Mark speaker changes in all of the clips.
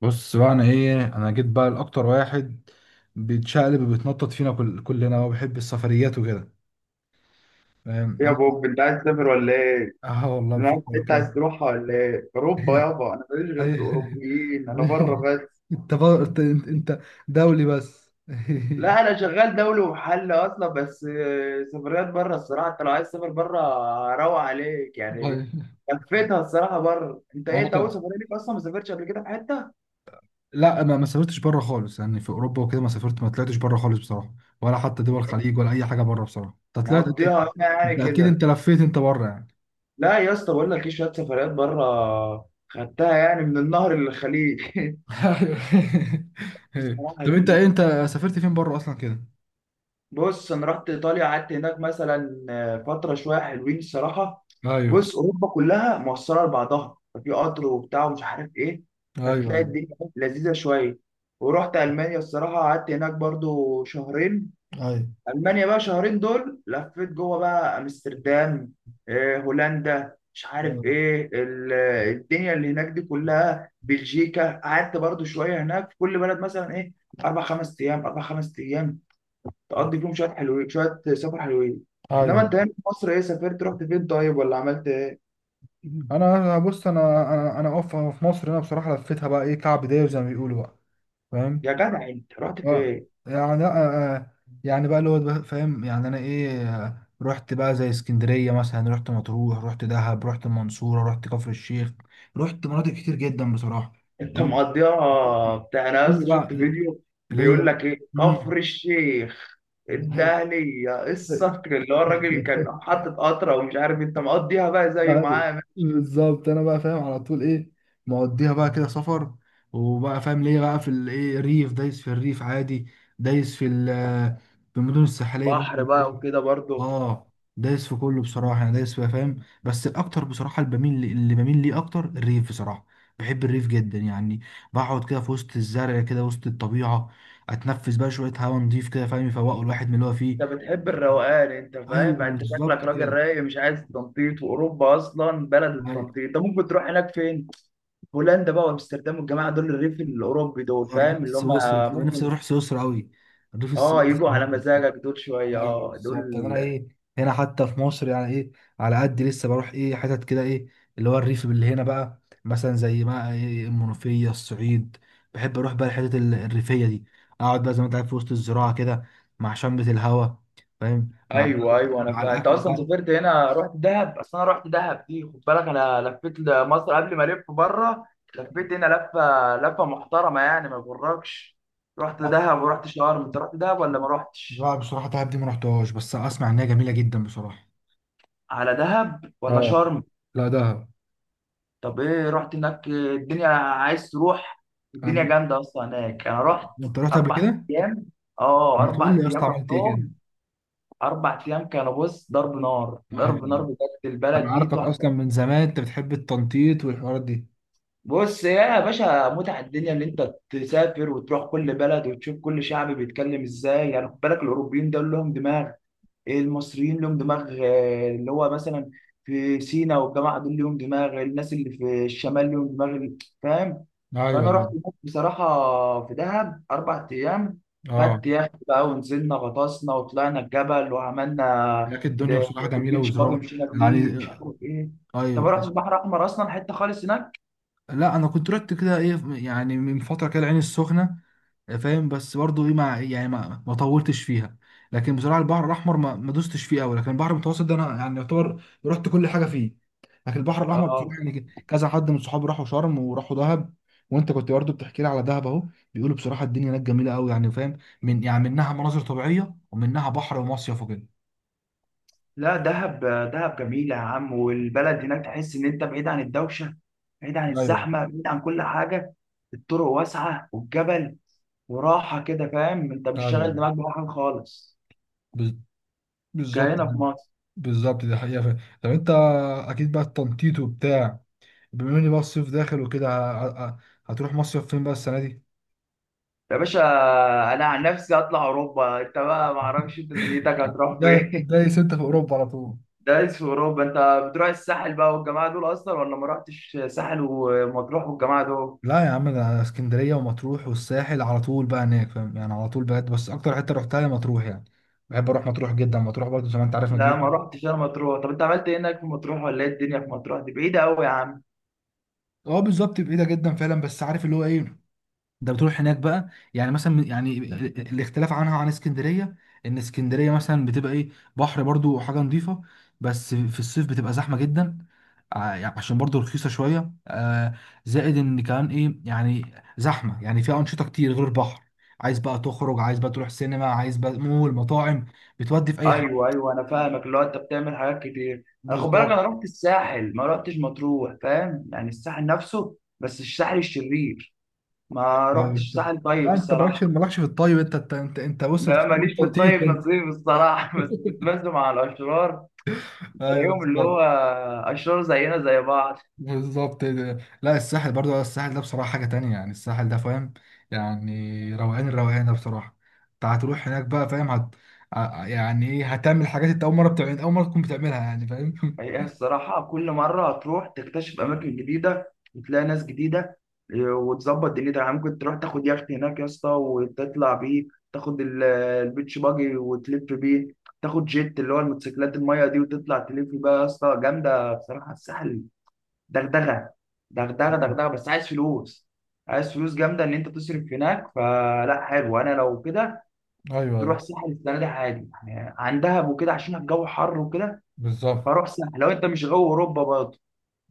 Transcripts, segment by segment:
Speaker 1: بص بقى، انا انا جيت بقى لاكتر واحد بيتشقلب وبيتنطط فينا كلنا وبيحب السفريات وكده. فاهم
Speaker 2: إيه يا
Speaker 1: انا.
Speaker 2: بوب انت عايز تسافر ولا ايه؟
Speaker 1: اه والله،
Speaker 2: دماغك
Speaker 1: بفكر
Speaker 2: انت
Speaker 1: كده.
Speaker 2: عايز تروحها ولا ايه؟ اوروبا يابا انا ماليش غير في
Speaker 1: أي-
Speaker 2: الاوروبيين انا بره بس.
Speaker 1: انت بقى انت انت أنت دولي بس.
Speaker 2: لا انا شغال دولي ومحل اصلا بس سفريات بره الصراحه انت لو عايز تسافر بره روق عليك يعني.
Speaker 1: والله،
Speaker 2: لفيتها الصراحه بره، انت ايه
Speaker 1: انا
Speaker 2: انت اول
Speaker 1: كده.
Speaker 2: سفريه ليك اصلا ما سافرتش قبل كده في حته؟
Speaker 1: لا، ما سافرتش بره خالص، يعني في اوروبا وكده، ما طلعتش بره خالص بصراحه. ولا حتى دول
Speaker 2: انت
Speaker 1: الخليج ولا اي حاجه بره بصراحه. انت
Speaker 2: مقضيها هنا
Speaker 1: انت
Speaker 2: يعني
Speaker 1: اكيد
Speaker 2: كده.
Speaker 1: انت لفيت انت بره يعني.
Speaker 2: لا يا اسطى، بقول لك ايه، شويه سفريات بره خدتها يعني من النهر للخليج
Speaker 1: ايوه. أيوة.
Speaker 2: بصراحه
Speaker 1: طب انت سافرت فين بره اصلا كده؟
Speaker 2: بص انا رحت ايطاليا قعدت هناك مثلا فتره شويه حلوين الصراحه.
Speaker 1: ايوه،
Speaker 2: بص اوروبا كلها موصله لبعضها ففي قطر وبتاع ومش عارف ايه،
Speaker 1: ايوه،
Speaker 2: فتلاقي
Speaker 1: ايوه،
Speaker 2: الدنيا لذيذه شويه. ورحت المانيا الصراحه قعدت هناك برضو شهرين. المانيا بقى شهرين دول لفيت جوه بقى امستردام، هولندا مش عارف
Speaker 1: ايوه،
Speaker 2: ايه الدنيا اللي هناك دي كلها، بلجيكا قعدت برضو شويه هناك، في كل بلد مثلا ايه، اربع خمس ايام اربع خمس ايام تقضي فيهم شويه حلوين، شويه سفر حلوين. انما
Speaker 1: ايوه.
Speaker 2: انت هنا في مصر ايه سافرت، رحت فين طيب ولا عملت ايه؟
Speaker 1: بص، انا اقف في مصر. انا بصراحه لفيتها بقى ايه، كعب داير زي ما بيقولوا بقى. فاهم.
Speaker 2: يا جدع انت رحت
Speaker 1: آه،
Speaker 2: فين؟
Speaker 1: يعني يعني بقى فاهم يعني انا ايه. رحت بقى زي اسكندريه مثلا، رحت مطروح، رحت دهب، رحت المنصوره، رحت كفر الشيخ. رحت مناطق كتير جدا بصراحه.
Speaker 2: انت
Speaker 1: فاهم.
Speaker 2: مقضيها بتاع، انا
Speaker 1: ليا
Speaker 2: اصلا شفت
Speaker 1: بقى
Speaker 2: فيديو بيقول
Speaker 1: ليا
Speaker 2: لك ايه
Speaker 1: مم.
Speaker 2: كفر الشيخ، الدهلية الصقر اللي هو الراجل
Speaker 1: أيوة،
Speaker 2: كان حاطط قطرة ومش عارف، انت مقضيها بقى زيه معاه؟
Speaker 1: بالظبط. انا بقى فاهم على طول ايه، مقضيها بقى كده سفر. وبقى فاهم ليه بقى، في الايه ريف، دايس في الريف عادي، دايس في ال- في المدن الساحليه برضه
Speaker 2: بحر بقى
Speaker 1: عادي.
Speaker 2: وكده برضه.
Speaker 1: اه، دايس في كله بصراحه. انا دايس فيها فاهم، بس الاكتر بصراحه اللي بميل ليه اكتر الريف بصراحه. بحب الريف جدا يعني، بقعد كده في وسط الزرع كده، وسط الطبيعه، اتنفس بقى شويه هواء نضيف كده. فاهم، يفوقوا الواحد من اللي هو فيه.
Speaker 2: انت بتحب الروقان انت،
Speaker 1: ايوه
Speaker 2: فاهم يعني انت شكلك
Speaker 1: بالظبط
Speaker 2: راجل
Speaker 1: كده.
Speaker 2: رايق مش عايز تنطيط، واوروبا اصلا بلد التنطيط، انت ممكن تروح هناك فين؟ هولندا بقى وامستردام والجماعه دول، الريف الاوروبي دول،
Speaker 1: الريف
Speaker 2: فاهم اللي هم
Speaker 1: السويسري كده. انا نفسي
Speaker 2: ممكن
Speaker 1: اروح سويسرا قوي. الريف
Speaker 2: اه
Speaker 1: السويسري
Speaker 2: يجوا على
Speaker 1: بقى.
Speaker 2: مزاجك دول، شويه
Speaker 1: ايوه
Speaker 2: اه دول.
Speaker 1: بالظبط. انا ايه، هنا حتى في مصر يعني ايه، على قد لسه بروح ايه حتت كده، ايه اللي هو الريف اللي هنا بقى، مثلا زي ما ايه المنوفيه، الصعيد. بحب اروح بقى الحتت الريفيه دي. اقعد بقى زي ما انت عارف في وسط الزراعه كده، مع شمة الهوا. فاهم، مع
Speaker 2: ايوه ايوه انا
Speaker 1: مع
Speaker 2: فاهم، انت
Speaker 1: الاكل
Speaker 2: اصلا
Speaker 1: بقى.
Speaker 2: سافرت هنا رحت دهب، اصل انا رحت دهب دي، خد بالك انا لفيت مصر قبل ما الف بره، لفيت هنا لفه لفه محترمه يعني ما يغركش. رحت دهب ورحت شرم، انت رحت دهب ولا ما رحتش؟
Speaker 1: بقى بصراحه دهب دي ما رحتهاش، بس اسمع ان هي جميله جدا بصراحه.
Speaker 2: على دهب ولا
Speaker 1: اه،
Speaker 2: شرم؟
Speaker 1: لا دهب.
Speaker 2: طب ايه رحت هناك، الدنيا عايز تروح، الدنيا
Speaker 1: أنا-
Speaker 2: جامده اصلا هناك، انا رحت
Speaker 1: انت رحت قبل
Speaker 2: اربع
Speaker 1: كده؟
Speaker 2: ايام. اه
Speaker 1: ما تقول
Speaker 2: اربع
Speaker 1: لي يا
Speaker 2: ايام
Speaker 1: اسطى عملت ايه كده.
Speaker 2: رحتهم. اربع ايام كانوا، بص ضرب نار ضرب نار
Speaker 1: ايوه.
Speaker 2: بجد،
Speaker 1: انا
Speaker 2: البلد دي
Speaker 1: عارفك اصلا
Speaker 2: تحفه.
Speaker 1: من زمان، انت بتحب التنطيط والحوارات دي.
Speaker 2: بص يا باشا، متعه الدنيا ان انت تسافر وتروح كل بلد وتشوف كل شعب بيتكلم ازاي، يعني خد بالك الاوروبيين دول لهم دماغ، المصريين لهم دماغ، اللي هو مثلا في سينا والجماعه دول لهم دماغ، الناس اللي في الشمال لهم دماغ، فاهم؟
Speaker 1: ايوه
Speaker 2: فانا
Speaker 1: ايوه،
Speaker 2: رحت هناك بصراحه في دهب اربع ايام،
Speaker 1: اه.
Speaker 2: خدت يخت بقى ونزلنا غطسنا وطلعنا الجبل وعملنا
Speaker 1: لكن الدنيا بصراحه جميله
Speaker 2: البيتش باجي
Speaker 1: وزراعه.
Speaker 2: مشينا
Speaker 1: يعني
Speaker 2: بيه مش عارف ايه، انت ما
Speaker 1: ايوه.
Speaker 2: رحتش البحر الاحمر اصلا، حته خالص هناك.
Speaker 1: لا انا كنت رحت كده ايه، يعني من فتره كده العين السخنه. فاهم، بس برضو ايه، ما يعني ما طولتش فيها. لكن بصراحه البحر الاحمر ما دوستش فيه قوي. لكن البحر المتوسط ده انا يعني يعتبر رحت كل حاجه فيه. لكن البحر الاحمر بصراحه،
Speaker 2: اه.
Speaker 1: يعني كذا حد من صحابي راحوا شرم وراحوا دهب، وانت كنت برضو بتحكي لي على دهب اهو. بيقولوا بصراحه الدنيا هناك جميله قوي، يعني فاهم، يعني منها مناظر طبيعيه ومنها بحر ومصيف وكده.
Speaker 2: لا دهب. دهب جميلة يا عم، والبلد هناك تحس إن أنت بعيد عن الدوشة، بعيد عن
Speaker 1: ايوه
Speaker 2: الزحمة، بعيد عن كل حاجة. الطرق واسعة، والجبل وراحة كده، فاهم أنت مش شاغل
Speaker 1: ايوه.
Speaker 2: دماغك بأي حاجة خالص،
Speaker 1: بز- بالظبط.
Speaker 2: كهنا في مصر.
Speaker 1: بالظبط دي حقيقة فعلا. طب انت اكيد بقى التنطيط وبتاع، بما اني بقى الصيف داخل وكده، هتروح مصيف فين بقى السنه دي؟
Speaker 2: يا باشا أنا عن نفسي أطلع أوروبا، أنت بقى معرفش أنت دنيتك هتروح
Speaker 1: جاي
Speaker 2: فين.
Speaker 1: جاي ستة في اوروبا على طول.
Speaker 2: دايس في أوروبا. أنت بتروح الساحل بقى والجماعة دول أصلا ولا ما رحتش ساحل ومطروح والجماعة دول؟
Speaker 1: لا يا عم، انا اسكندريه ومطروح والساحل على طول بقى هناك، فاهم يعني على طول بجد، بس اكتر حته رحتها هي مطروح يعني. بحب اروح مطروح جدا، مطروح برضه زي ما انت عارف
Speaker 2: لا ما
Speaker 1: نضيفه.
Speaker 2: رحتش أنا مطروح، طب أنت عملت إيه هناك في مطروح، ولا إيه الدنيا في مطروح؟ دي بعيدة أوي يا عم.
Speaker 1: اه بالظبط، بعيده جدا فعلا. بس عارف اللي هو ايه، ده بتروح هناك بقى يعني مثلا، يعني الاختلاف عن اسكندريه، ان اسكندريه مثلا بتبقى ايه، بحر برضو وحاجه نظيفه، بس في الصيف بتبقى زحمه جدا. يعني عشان برضو رخيصه شويه، زائد ان كمان ايه يعني، زحمه يعني فيها انشطه كتير غير البحر. عايز بقى تخرج، عايز بقى تروح سينما، عايز بقى مول، مطاعم، بتودي في اي حاجه.
Speaker 2: ايوه ايوه انا فاهمك، اللي هو انت بتعمل حاجات كتير. انا خد بالك،
Speaker 1: بالظبط.
Speaker 2: انا رحت الساحل ما رحتش مطروح، فاهم يعني الساحل نفسه، بس الساحل الشرير. ما
Speaker 1: يعني
Speaker 2: رحتش ساحل طيب
Speaker 1: يعني انت مالكش
Speaker 2: الصراحه.
Speaker 1: مالكش في الطيب. انت بص، انت
Speaker 2: لا
Speaker 1: في
Speaker 2: ماليش في الطيب
Speaker 1: التنطيط انت.
Speaker 2: نصيب الصراحه بس كنت بنزل مع الاشرار،
Speaker 1: ايوه
Speaker 2: بلاقيهم اللي هو
Speaker 1: بالظبط.
Speaker 2: اشرار زينا زي بعض.
Speaker 1: بالظبط ده. لا الساحل برضو، الساحل ده بصراحة حاجة تانية، يعني الساحل ده فاهم، يعني روقان. الروقان ده بصراحة، انت هتروح هناك بقى فاهم يعني ايه، هتعمل حاجات انت أول مرة، تكون بتعملها يعني فاهم.
Speaker 2: هي الصراحة كل مرة هتروح تكتشف أماكن جديدة، وتلاقي ناس جديدة، إيه، وتظبط دنيتك، يعني ممكن تروح تاخد يخت هناك يا اسطى وتطلع بيه، تاخد البيتش باجي وتلف بيه، تاخد جيت اللي هو الموتوسيكلات المية دي وتطلع تلف بقى، يا اسطى جامدة بصراحة الساحل، دغدغة دغدغة
Speaker 1: ايوه
Speaker 2: دغدغة، بس عايز فلوس، عايز فلوس جامدة إن أنت تصرف هناك. فلا حلو أنا لو كده
Speaker 1: ايوه.
Speaker 2: تروح
Speaker 1: أيوة،
Speaker 2: ساحل السنة دي عادي، يعني عن دهب وكده عشان الجو حر وكده.
Speaker 1: بالظبط.
Speaker 2: فروح ساحل لو أنت مش جو أوروبا برضه.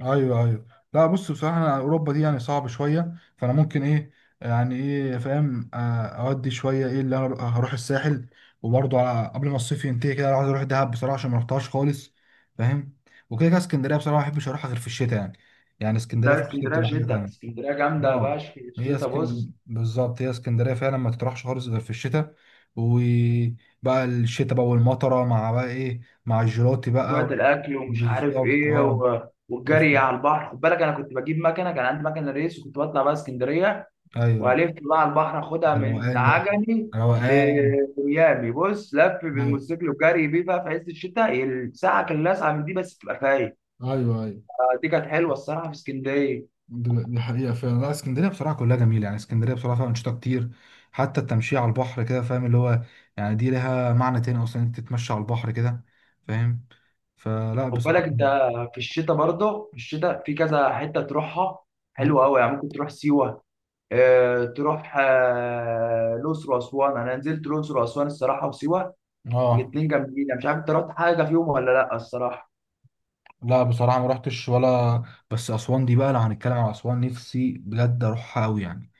Speaker 1: ايوه ايوه. لا بص بصراحه انا اوروبا دي يعني صعب شويه، فانا ممكن ايه يعني ايه فاهم، اودي شويه ايه اللي انا هروح الساحل. وبرضه على قبل ما الصيف ينتهي كده، انا عايز اروح دهب بصراحه، عشان ما رحتهاش خالص فاهم. وكده كده اسكندريه بصراحه ما بحبش اروحها غير في الشتاء يعني، يعني اسكندريه
Speaker 2: لا
Speaker 1: في الشتاء
Speaker 2: اسكندريه
Speaker 1: بتبقى حاجه
Speaker 2: شتا،
Speaker 1: تانيه.
Speaker 2: اسكندريه جامده
Speaker 1: اه،
Speaker 2: باش في
Speaker 1: هي
Speaker 2: الشتا، بص
Speaker 1: بالظبط هي اسكندريه فعلا ما تروحش خالص غير في الشتاء. وبقى الشتاء بقى والمطره، مع بقى ايه، مع الجيلاتي
Speaker 2: بتوعة
Speaker 1: بقى.
Speaker 2: الاكل ومش عارف
Speaker 1: بالظبط
Speaker 2: ايه،
Speaker 1: اه.
Speaker 2: و... والجري على البحر، خد بالك انا كنت بجيب مكنه، كان عندي مكنه ريس، وكنت بطلع بقى اسكندريه
Speaker 1: ايوه،
Speaker 2: والف بقى على البحر، اخدها
Speaker 1: ده
Speaker 2: من
Speaker 1: روقان، ده
Speaker 2: عجمي
Speaker 1: روقان.
Speaker 2: لميامي، بص لف
Speaker 1: ايوه
Speaker 2: بالموتوسيكل وجري بيه بقى في عز الشتاء، الساعه كان لاسعه من دي، بس تبقى فايق.
Speaker 1: ايوه ايوه.
Speaker 2: دي كانت حلوه الصراحه في اسكندريه.
Speaker 1: دي حقيقه فعلا. لا اسكندريه بصراحه كلها جميله، يعني اسكندريه بصراحه فيها انشطه كتير. حتى التمشيه على البحر كده فاهم اللي هو، يعني دي لها معنى تاني اصلا، انت تتمشى على البحر كده. فاهم. فلا
Speaker 2: خد
Speaker 1: بصراحه.
Speaker 2: بالك انت في الشتاء برضه، في الشتاء في كذا حته تروحها
Speaker 1: مم.
Speaker 2: حلوه قوي، يعني ممكن تروح سيوه، تروح الأقصر وأسوان. أنا نزلت الأقصر وأسوان الصراحة وسيوة،
Speaker 1: اه
Speaker 2: الاتنين جامدين، أنا مش عارف أنت رحت حاجة فيهم ولا لأ الصراحة.
Speaker 1: لا بصراحه ما رحتش ولا. بس اسوان دي بقى، لو هنتكلم على اسوان، نفسي بجد اروحها قوي يعني.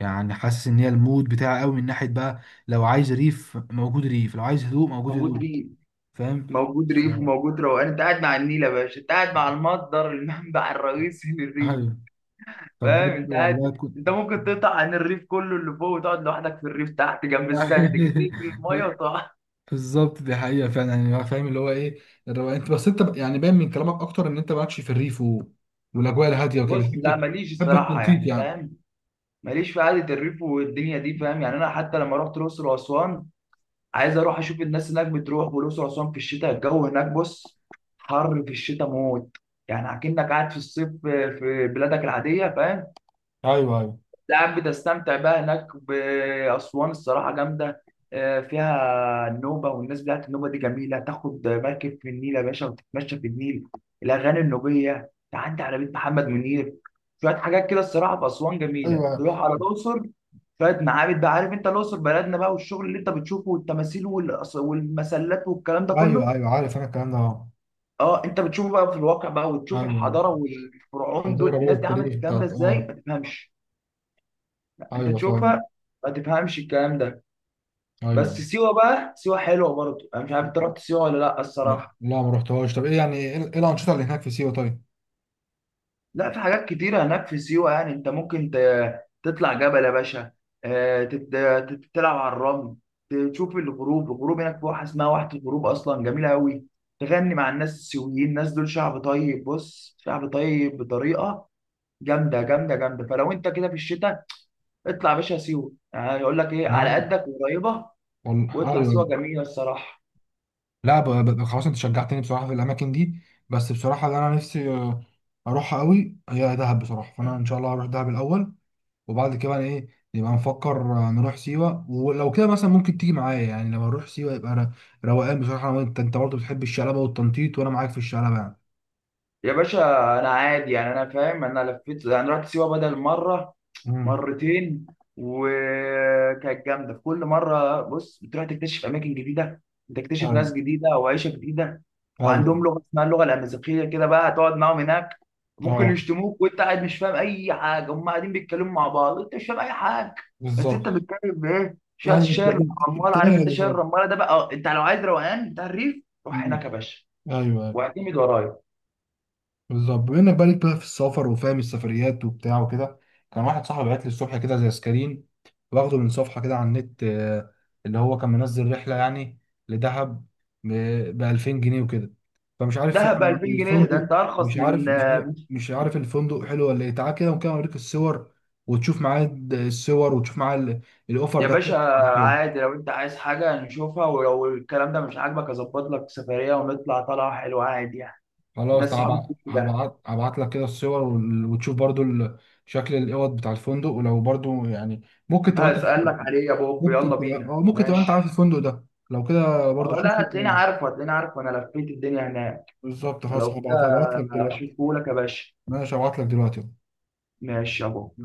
Speaker 1: يعني حاسس ان هي المود بتاعي قوي من ناحيه بقى، لو عايز ريف موجود ريف، لو عايز هدوء موجود
Speaker 2: موجود
Speaker 1: هدوء.
Speaker 2: ريف،
Speaker 1: فاهم.
Speaker 2: موجود ريف وموجود روقان، أنت قاعد مع النيل يا باشا، أنت قاعد مع المصدر، المنبع الرئيسي للريف،
Speaker 1: ايوه، طب
Speaker 2: فاهم
Speaker 1: بجد
Speaker 2: أنت قاعد،
Speaker 1: والله كنت.
Speaker 2: أنت ممكن تقطع عن الريف كله اللي فوق وتقعد لوحدك في الريف تحت جنب السد، كتير في المية وتقعد.
Speaker 1: بالظبط دي حقيقة فعلا. يعني هو فاهم اللي هو ايه، الروقان، انت بس يعني باين من كلامك اكتر ان انت مالكش في الريف و... والاجواء الهادية وكده،
Speaker 2: بص
Speaker 1: بتحب
Speaker 2: لا ماليش
Speaker 1: بتحب
Speaker 2: الصراحة
Speaker 1: التنطيط
Speaker 2: يعني
Speaker 1: يعني.
Speaker 2: فاهم، ماليش في قعدة الريف والدنيا دي، فاهم يعني أنا حتى لما رحت الأقصر وأسوان، عايز اروح اشوف الناس هناك بتروح، والاقصر واسوان في الشتاء الجو هناك، بص حر في الشتاء موت، يعني اكنك قاعد في الصيف في بلادك العاديه فاهم.
Speaker 1: ايوه، ايوه،
Speaker 2: لا يا عم بتستمتع بقى هناك، بأسوان الصراحة جامدة، فيها النوبة والناس بتاعت النوبة دي جميلة، تاخد مركب في النيل يا باشا وتتمشى في النيل، الأغاني النوبية تعدي على بيت محمد منير، شوية حاجات كده الصراحة في أسوان جميلة.
Speaker 1: ايوه،
Speaker 2: تروح على الأقصر شوية معابد بقى، عارف أنت الأقصر بلدنا بقى، والشغل اللي أنت بتشوفه والتماثيل والمسلات والكلام ده
Speaker 1: ايوه،
Speaker 2: كله.
Speaker 1: ايوه، عارف انا الكلام ده اه.
Speaker 2: أه أنت بتشوفه بقى في الواقع بقى، وتشوف
Speaker 1: ايوه ايوه.
Speaker 2: الحضارة والفرعون
Speaker 1: الحضارة
Speaker 2: دول،
Speaker 1: بقى
Speaker 2: الناس دي عملت
Speaker 1: والتاريخ
Speaker 2: الكلام ده
Speaker 1: بتاعت
Speaker 2: إزاي
Speaker 1: اه،
Speaker 2: ما تفهمش، انت
Speaker 1: ايوه صح.
Speaker 2: تشوفها ما تفهمش الكلام ده.
Speaker 1: ايوه
Speaker 2: بس سيوه بقى، سيوه حلوه برضه، انا مش عارف انت رحت سيوه ولا لا الصراحه.
Speaker 1: لا ما رحتهاش. طب يعني إيه الانشطة اللي هناك في سيوة طيب؟
Speaker 2: لا في حاجات كتيره هناك في سيوه، يعني انت ممكن تطلع جبل يا باشا، آه، تت- تلعب على الرمل، تشوف الغروب، الغروب هناك في واحه اسمها واحه الغروب اصلا جميله قوي، تغني مع الناس السيويين، الناس دول شعب طيب، بص شعب طيب بطريقه جامده جامده جامده. فلو انت كده في الشتاء اطلع يا باشا سيوه، يعني يقول لك ايه على
Speaker 1: نعم.
Speaker 2: قدك وقريبه،
Speaker 1: والله
Speaker 2: واطلع سيوه
Speaker 1: ايوه.
Speaker 2: جميله الصراحه.
Speaker 1: لا خلاص، انت شجعتني بصراحه في الاماكن دي. بس بصراحه اللي انا نفسي اروحها قوي هي دهب بصراحه، فانا ان شاء الله هروح دهب الاول. وبعد كده بقى ايه، نبقى نفكر نروح سيوه ولو كده مثلا. ممكن تيجي معايا، يعني لو هنروح سيوه يبقى روقان بصراحه، أنا وانت. انت برضه بتحب الشلبه والتنطيط، وانا معاك في الشلبه يعني.
Speaker 2: يا باشا انا عادي يعني انا فاهم انا لفيت يعني رحت سيوه بدل مره
Speaker 1: امم.
Speaker 2: مرتين وكانت جامده في كل مره بص بتروح تكتشف اماكن جديده بتكتشف
Speaker 1: ايوه
Speaker 2: ناس جديده وعيشه جديده
Speaker 1: ايوه
Speaker 2: وعندهم لغه اسمها اللغه الامازيغيه كده بقى هتقعد معاهم هناك ممكن
Speaker 1: اه
Speaker 2: يشتموك وانت قاعد مش فاهم اي حاجه هم قاعدين بيتكلموا مع بعض انت مش فاهم اي حاجه بس انت
Speaker 1: بالظبط.
Speaker 2: بتتكلم بايه شويه
Speaker 1: ايوه، انت
Speaker 2: الشعر
Speaker 1: انت
Speaker 2: الرمال
Speaker 1: أنت
Speaker 2: عارف انت
Speaker 1: قاعد
Speaker 2: شعر
Speaker 1: خلاص.
Speaker 2: الرماله ده بقى أه، انت لو عايز روقان بتاع الريف روح
Speaker 1: أمم،
Speaker 2: هناك يا باشا
Speaker 1: ايوه
Speaker 2: واعتمد ورايا
Speaker 1: بالظبط. بما انك بقالك بقى في السفر وفاهم السفريات وبتاع وكده، كان واحد صاحبي بعت لي الصبح كده زي سكرين، واخده من صفحه كده على النت، اللي هو كان منزل رحله يعني لدهب ب 2000 جنيه وكده. فمش عارف
Speaker 2: دهب ب
Speaker 1: يعني
Speaker 2: 2000 جنيه ده؟
Speaker 1: الفندق.
Speaker 2: انت ارخص
Speaker 1: مش عارف
Speaker 2: من.
Speaker 1: مش عارف مش عارف الفندق حلو ولا ايه. تعال كده ممكن اوريك الصور، وتشوف معاه الصور، وتشوف معاه الاوفر
Speaker 2: يا
Speaker 1: ده حلو
Speaker 2: باشا
Speaker 1: مش حلو.
Speaker 2: عادي لو انت عايز حاجه نشوفها، ولو الكلام ده مش عاجبك اظبط لك سفريه ونطلع طلعه حلوه عادي يعني،
Speaker 1: خلاص
Speaker 2: الناس
Speaker 1: تعب،
Speaker 2: صحابي كتير، ده
Speaker 1: هبعت لك كده الصور، وتشوف برضو شكل الاوض بتاع الفندق. ولو برضو يعني، ممكن تبقى انت،
Speaker 2: هسألك عليه يا بوب يلا بينا
Speaker 1: ممكن تبقى انت عارف
Speaker 2: ماشي.
Speaker 1: الفندق ده، لو كده
Speaker 2: طب
Speaker 1: برضو
Speaker 2: لا
Speaker 1: شوفه.
Speaker 2: هتلاقيني عارفه، هتلاقيني عارفه، انا لفيت الدنيا هناك،
Speaker 1: بالظبط خلاص،
Speaker 2: لو كده
Speaker 1: هبعت لك دلوقتي.
Speaker 2: اشوفهولك يا باشا.
Speaker 1: ماشي، هبعت لك دلوقتي.
Speaker 2: ماشي يا بوب.